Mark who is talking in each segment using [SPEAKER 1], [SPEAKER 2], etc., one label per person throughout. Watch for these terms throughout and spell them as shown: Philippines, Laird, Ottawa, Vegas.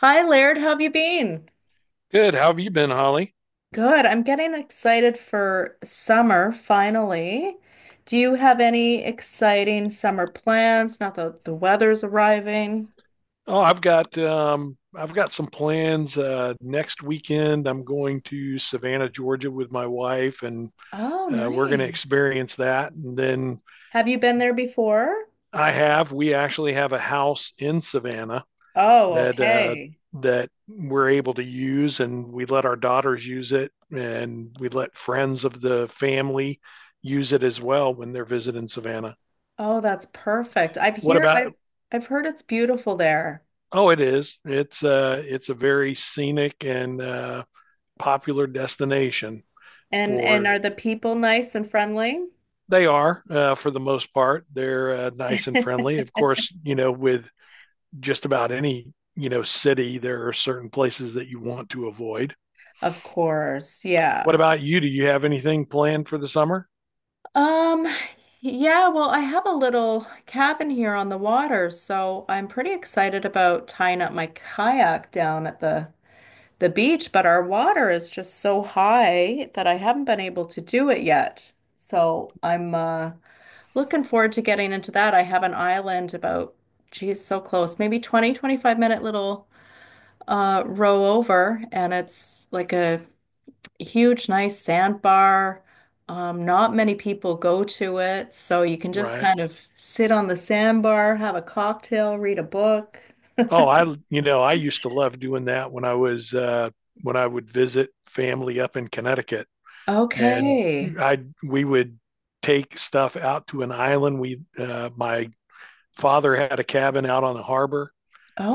[SPEAKER 1] Hi, Laird. How have you been?
[SPEAKER 2] Good. How have you been, Holly?
[SPEAKER 1] Good. I'm getting excited for summer finally. Do you have any exciting summer plans? Not that the weather's arriving.
[SPEAKER 2] Oh, I've got some plans. Next weekend, I'm going to Savannah, Georgia, with my wife, and
[SPEAKER 1] Oh,
[SPEAKER 2] we're going to
[SPEAKER 1] nice.
[SPEAKER 2] experience that. And then
[SPEAKER 1] Have you been there before?
[SPEAKER 2] I have we actually have a house in Savannah.
[SPEAKER 1] Oh,
[SPEAKER 2] that uh,
[SPEAKER 1] okay.
[SPEAKER 2] that we're able to use, and we let our daughters use it, and we let friends of the family use it as well when they're visiting Savannah.
[SPEAKER 1] Oh, that's perfect.
[SPEAKER 2] What about?
[SPEAKER 1] I've heard it's beautiful there.
[SPEAKER 2] Oh, it is. It's a very scenic and popular destination
[SPEAKER 1] And
[SPEAKER 2] for.
[SPEAKER 1] are the people nice and friendly?
[SPEAKER 2] They are, for the most part, they're nice and friendly. Of course, with just about any city, there are certain places that you want to avoid.
[SPEAKER 1] Of course.
[SPEAKER 2] What
[SPEAKER 1] Yeah.
[SPEAKER 2] about you? Do you have anything planned for the summer?
[SPEAKER 1] Um, yeah, well, I have a little cabin here on the water, so I'm pretty excited about tying up my kayak down at the beach, but our water is just so high that I haven't been able to do it yet. So I'm looking forward to getting into that. I have an island about, geez, so close, maybe 20, 25 minute little row over, and it's like a huge, nice sandbar. Not many people go to it, so you can just
[SPEAKER 2] Right.
[SPEAKER 1] kind of sit on the sandbar, have a cocktail, read a book.
[SPEAKER 2] Oh, I used to love doing that when I was when I would visit family up in Connecticut, and
[SPEAKER 1] Okay.
[SPEAKER 2] I we would take stuff out to an island. We My father had a cabin out on the harbor,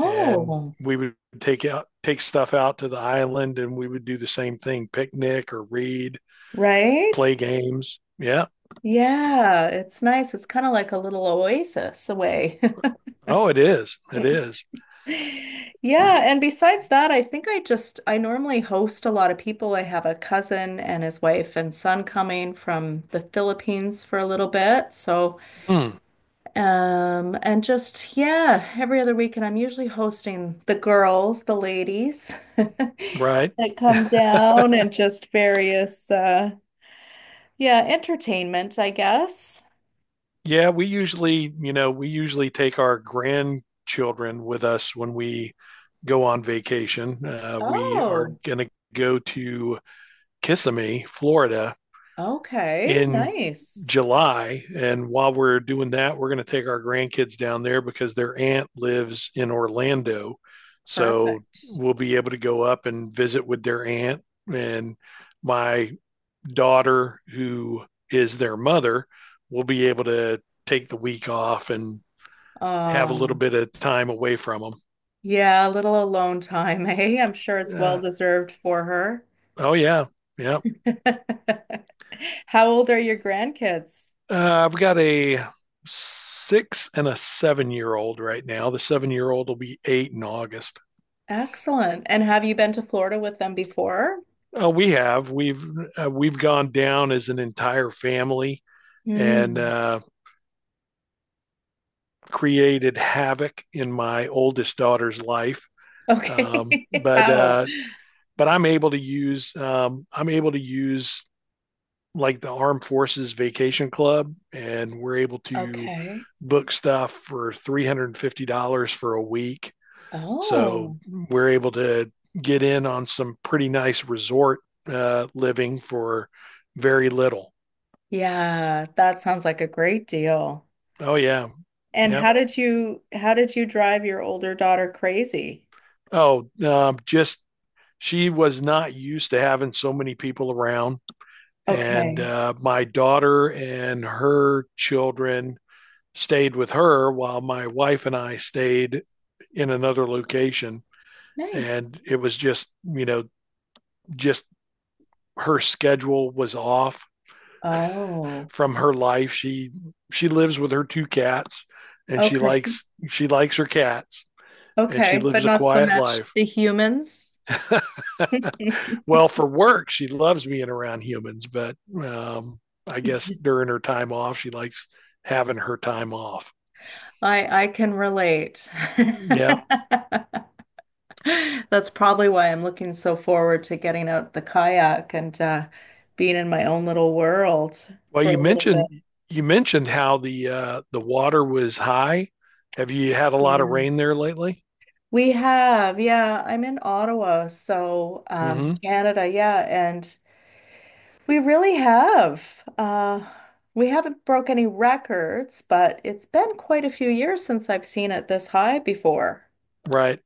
[SPEAKER 2] and we would take stuff out to the island, and we would do the same thing: picnic or read,
[SPEAKER 1] right.
[SPEAKER 2] play games. Yeah.
[SPEAKER 1] Yeah, it's nice. It's kind of like a little oasis away.
[SPEAKER 2] Oh, it is. It is.
[SPEAKER 1] Yeah, and besides that, I think I just I normally host a lot of people. I have a cousin and his wife and son coming from the Philippines for a little bit, so.
[SPEAKER 2] Hmm.
[SPEAKER 1] And just, yeah, every other weekend I'm usually hosting the girls, the ladies
[SPEAKER 2] Right.
[SPEAKER 1] that come down and just various, yeah, entertainment, I guess.
[SPEAKER 2] Yeah, we usually take our grandchildren with us when we go on vacation. We are
[SPEAKER 1] Oh,
[SPEAKER 2] going to go to Kissimmee, Florida
[SPEAKER 1] okay.
[SPEAKER 2] in
[SPEAKER 1] Nice.
[SPEAKER 2] July. And while we're doing that, we're going to take our grandkids down there because their aunt lives in Orlando. So
[SPEAKER 1] Perfect.
[SPEAKER 2] we'll be able to go up and visit with their aunt. And my daughter, who is their mother, will be able to take the week off and have a little
[SPEAKER 1] Um,
[SPEAKER 2] bit of time away from them.
[SPEAKER 1] yeah, a little alone time, eh? I'm sure it's
[SPEAKER 2] Uh,
[SPEAKER 1] well deserved for her.
[SPEAKER 2] oh yeah, yeah.
[SPEAKER 1] How old are your grandkids?
[SPEAKER 2] I've got a six and a 7-year old right now. The 7-year old will be eight in August.
[SPEAKER 1] Excellent. And have you been to Florida with them before?
[SPEAKER 2] Uh, we have we've we've gone down as an entire family and
[SPEAKER 1] Hmm.
[SPEAKER 2] created havoc in my oldest daughter's life. Um,
[SPEAKER 1] Okay.
[SPEAKER 2] but
[SPEAKER 1] How?
[SPEAKER 2] uh, but I'm able to use like the Armed Forces Vacation Club, and we're able to
[SPEAKER 1] Okay.
[SPEAKER 2] book stuff for $350 for a week. So
[SPEAKER 1] Oh,
[SPEAKER 2] we're able to get in on some pretty nice resort living for very little.
[SPEAKER 1] yeah, that sounds like a great deal.
[SPEAKER 2] Oh yeah,
[SPEAKER 1] And
[SPEAKER 2] yep.
[SPEAKER 1] how did you drive your older daughter crazy?
[SPEAKER 2] Oh, just she was not used to having so many people around, and
[SPEAKER 1] Okay.
[SPEAKER 2] my daughter and her children stayed with her while my wife and I stayed in another location.
[SPEAKER 1] Nice.
[SPEAKER 2] And it was just her schedule was off
[SPEAKER 1] Oh,
[SPEAKER 2] from her life. She lives with her two cats, and she
[SPEAKER 1] okay.
[SPEAKER 2] likes she likes her cats, and she
[SPEAKER 1] Okay, but
[SPEAKER 2] lives a
[SPEAKER 1] not so
[SPEAKER 2] quiet
[SPEAKER 1] much
[SPEAKER 2] life.
[SPEAKER 1] the humans. I
[SPEAKER 2] Well, for work, she loves being around humans, but um, I guess during her time off, she likes having her time off.
[SPEAKER 1] I can relate.
[SPEAKER 2] Yeah.
[SPEAKER 1] That's probably why I'm looking so forward to getting out the kayak and being in my own little world
[SPEAKER 2] Well,
[SPEAKER 1] for a
[SPEAKER 2] you
[SPEAKER 1] little bit.
[SPEAKER 2] mentioned how the water was high. Have you had a lot of
[SPEAKER 1] Yeah.
[SPEAKER 2] rain there lately?
[SPEAKER 1] We have, yeah, I'm in Ottawa, so
[SPEAKER 2] Hmm.
[SPEAKER 1] Canada, yeah, and we really have. We haven't broke any records, but it's been quite a few years since I've seen it this high before.
[SPEAKER 2] Right.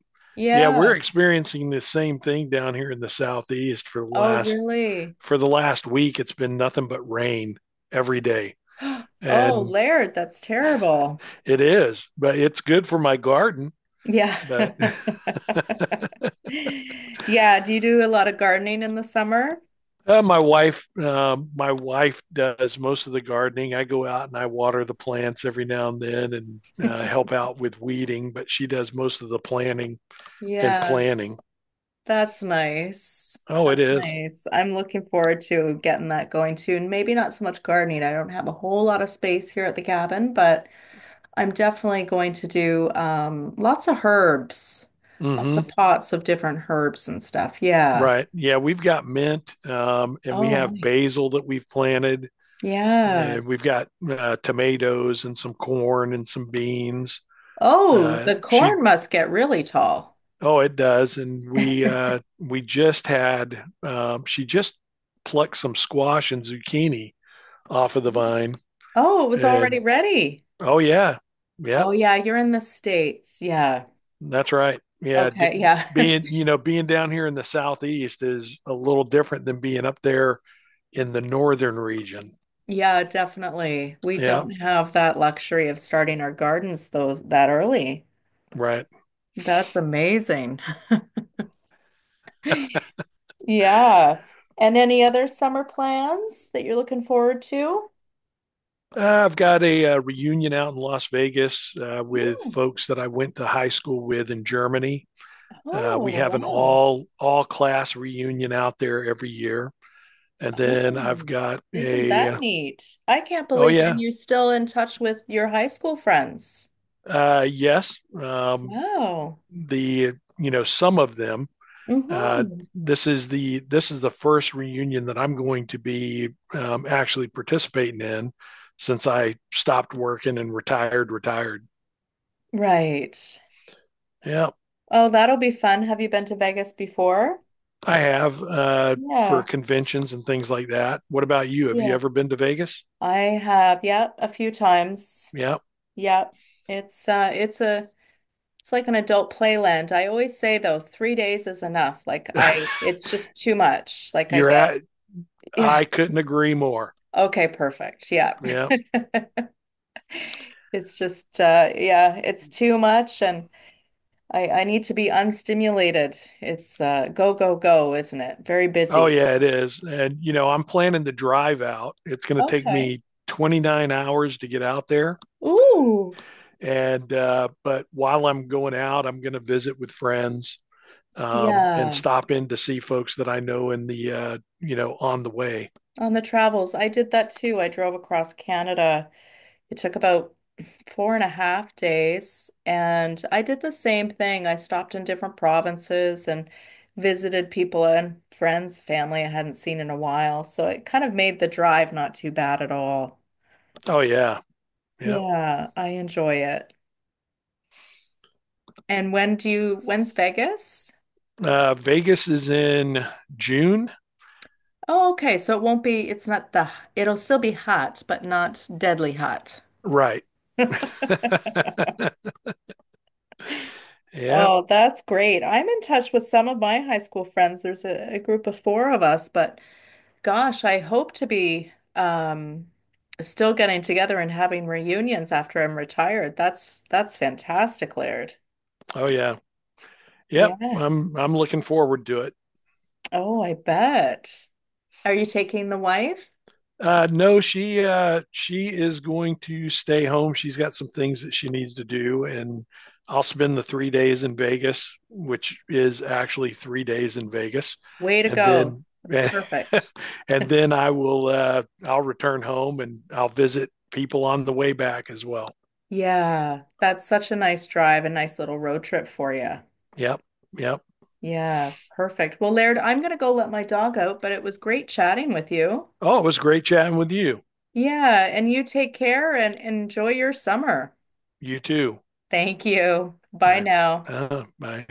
[SPEAKER 2] Yeah, we're
[SPEAKER 1] Yeah.
[SPEAKER 2] experiencing the same thing down here in the southeast for the
[SPEAKER 1] Oh,
[SPEAKER 2] last
[SPEAKER 1] really?
[SPEAKER 2] week. It's been nothing but rain every day,
[SPEAKER 1] Oh,
[SPEAKER 2] and
[SPEAKER 1] Laird, that's terrible.
[SPEAKER 2] it is. But it's good for my garden.
[SPEAKER 1] Yeah.
[SPEAKER 2] But
[SPEAKER 1] Yeah. Do you do a lot of gardening in the summer?
[SPEAKER 2] My wife does most of the gardening. I go out and I water the plants every now and then, and help out with weeding, but she does most of the planting and
[SPEAKER 1] Yeah,
[SPEAKER 2] planning.
[SPEAKER 1] that's nice.
[SPEAKER 2] Oh, it
[SPEAKER 1] That's
[SPEAKER 2] is.
[SPEAKER 1] nice. I'm looking forward to getting that going too. And maybe not so much gardening. I don't have a whole lot of space here at the cabin, but I'm definitely going to do lots of herbs, lots
[SPEAKER 2] Mm-hmm.
[SPEAKER 1] of pots of different herbs and stuff. Yeah.
[SPEAKER 2] Right. Yeah, we've got mint, and we
[SPEAKER 1] Oh,
[SPEAKER 2] have
[SPEAKER 1] nice.
[SPEAKER 2] basil that we've planted,
[SPEAKER 1] Yeah.
[SPEAKER 2] and we've got tomatoes and some corn and some beans.
[SPEAKER 1] Oh, the
[SPEAKER 2] She.
[SPEAKER 1] corn must get really tall.
[SPEAKER 2] Oh, it does. And we uh, we just had. She just plucked some squash and zucchini off of the vine.
[SPEAKER 1] Oh, it was
[SPEAKER 2] And
[SPEAKER 1] already ready.
[SPEAKER 2] oh yeah,
[SPEAKER 1] Oh
[SPEAKER 2] yep,
[SPEAKER 1] yeah, you're in the States. Yeah.
[SPEAKER 2] that's right. Yeah,
[SPEAKER 1] Okay, yeah.
[SPEAKER 2] being you know being down here in the southeast is a little different than being up there in the northern region.
[SPEAKER 1] Yeah, definitely. We
[SPEAKER 2] Yeah,
[SPEAKER 1] don't have that luxury of starting our gardens those that early.
[SPEAKER 2] right.
[SPEAKER 1] That's amazing. Yeah. And any other summer plans that you're looking forward to?
[SPEAKER 2] I've got a reunion out in Las Vegas with
[SPEAKER 1] Yeah.
[SPEAKER 2] folks that I went to high school with in Germany. We
[SPEAKER 1] Oh,
[SPEAKER 2] have an
[SPEAKER 1] wow.
[SPEAKER 2] all class reunion out there every year, and then I've
[SPEAKER 1] Oh,
[SPEAKER 2] got
[SPEAKER 1] isn't that
[SPEAKER 2] a.
[SPEAKER 1] neat? I can't
[SPEAKER 2] Oh
[SPEAKER 1] believe, and
[SPEAKER 2] yeah,
[SPEAKER 1] you're still in touch with your high school friends.
[SPEAKER 2] yes,
[SPEAKER 1] Wow.
[SPEAKER 2] the some of them. Uh,
[SPEAKER 1] Mm-hmm.
[SPEAKER 2] this is the first reunion that I'm going to be actually participating in since I stopped working and retired. Retired.
[SPEAKER 1] Right.
[SPEAKER 2] Yeah,
[SPEAKER 1] Oh, that'll be fun. Have you been to Vegas before?
[SPEAKER 2] I have for
[SPEAKER 1] Yeah,
[SPEAKER 2] conventions and things like that. What about you? Have you
[SPEAKER 1] yeah.
[SPEAKER 2] ever been to Vegas?
[SPEAKER 1] I have, yeah, a few times.
[SPEAKER 2] Yeah,
[SPEAKER 1] Yeah. It's a it's like an adult playland. I always say though, 3 days is enough. Like I It's just too much. Like I
[SPEAKER 2] you're
[SPEAKER 1] get
[SPEAKER 2] at.
[SPEAKER 1] yeah.
[SPEAKER 2] I couldn't agree more.
[SPEAKER 1] Okay, perfect. Yeah.
[SPEAKER 2] Yeah.
[SPEAKER 1] It's just yeah, it's too much and I need to be unstimulated. It's go go go, isn't it? Very
[SPEAKER 2] Oh
[SPEAKER 1] busy.
[SPEAKER 2] yeah, it is. And I'm planning to drive out. It's going to take
[SPEAKER 1] Okay.
[SPEAKER 2] me 29 hours to get out there.
[SPEAKER 1] Ooh.
[SPEAKER 2] And but while I'm going out, I'm going to visit with friends and
[SPEAKER 1] Yeah.
[SPEAKER 2] stop in to see folks that I know in the you know on the way.
[SPEAKER 1] On the travels, I did that too. I drove across Canada. It took about four and a half days, and I did the same thing. I stopped in different provinces and visited people and friends, family I hadn't seen in a while. So it kind of made the drive not too bad at all.
[SPEAKER 2] Oh yeah, yeah.
[SPEAKER 1] Yeah, I enjoy it. And when's Vegas?
[SPEAKER 2] Vegas is in June,
[SPEAKER 1] Oh, okay. So it won't be, it's not the, it'll still be hot, but not deadly hot.
[SPEAKER 2] right? Yeah.
[SPEAKER 1] Oh, that's great. I'm in touch with some of my high school friends. There's a group of four of us, but gosh, I hope to be still getting together and having reunions after I'm retired. That's fantastic, Laird.
[SPEAKER 2] Oh yeah. Yep.
[SPEAKER 1] Yeah.
[SPEAKER 2] I'm looking forward to it.
[SPEAKER 1] Oh, I bet. Are you taking the wife?
[SPEAKER 2] No, she is going to stay home. She's got some things that she needs to do, and I'll spend the 3 days in Vegas, which is actually 3 days in Vegas,
[SPEAKER 1] Way to
[SPEAKER 2] and
[SPEAKER 1] go.
[SPEAKER 2] then
[SPEAKER 1] That's perfect.
[SPEAKER 2] and then I will I'll return home and I'll visit people on the way back as well.
[SPEAKER 1] Yeah, that's such a nice drive, a nice little road trip for you.
[SPEAKER 2] Yep, yep.
[SPEAKER 1] Yeah, perfect. Well, Laird, I'm going to go let my dog out, but it was great chatting with you.
[SPEAKER 2] Oh, it was great chatting with you.
[SPEAKER 1] Yeah, and you take care and enjoy your summer.
[SPEAKER 2] You too.
[SPEAKER 1] Thank you. Bye
[SPEAKER 2] I
[SPEAKER 1] now.
[SPEAKER 2] I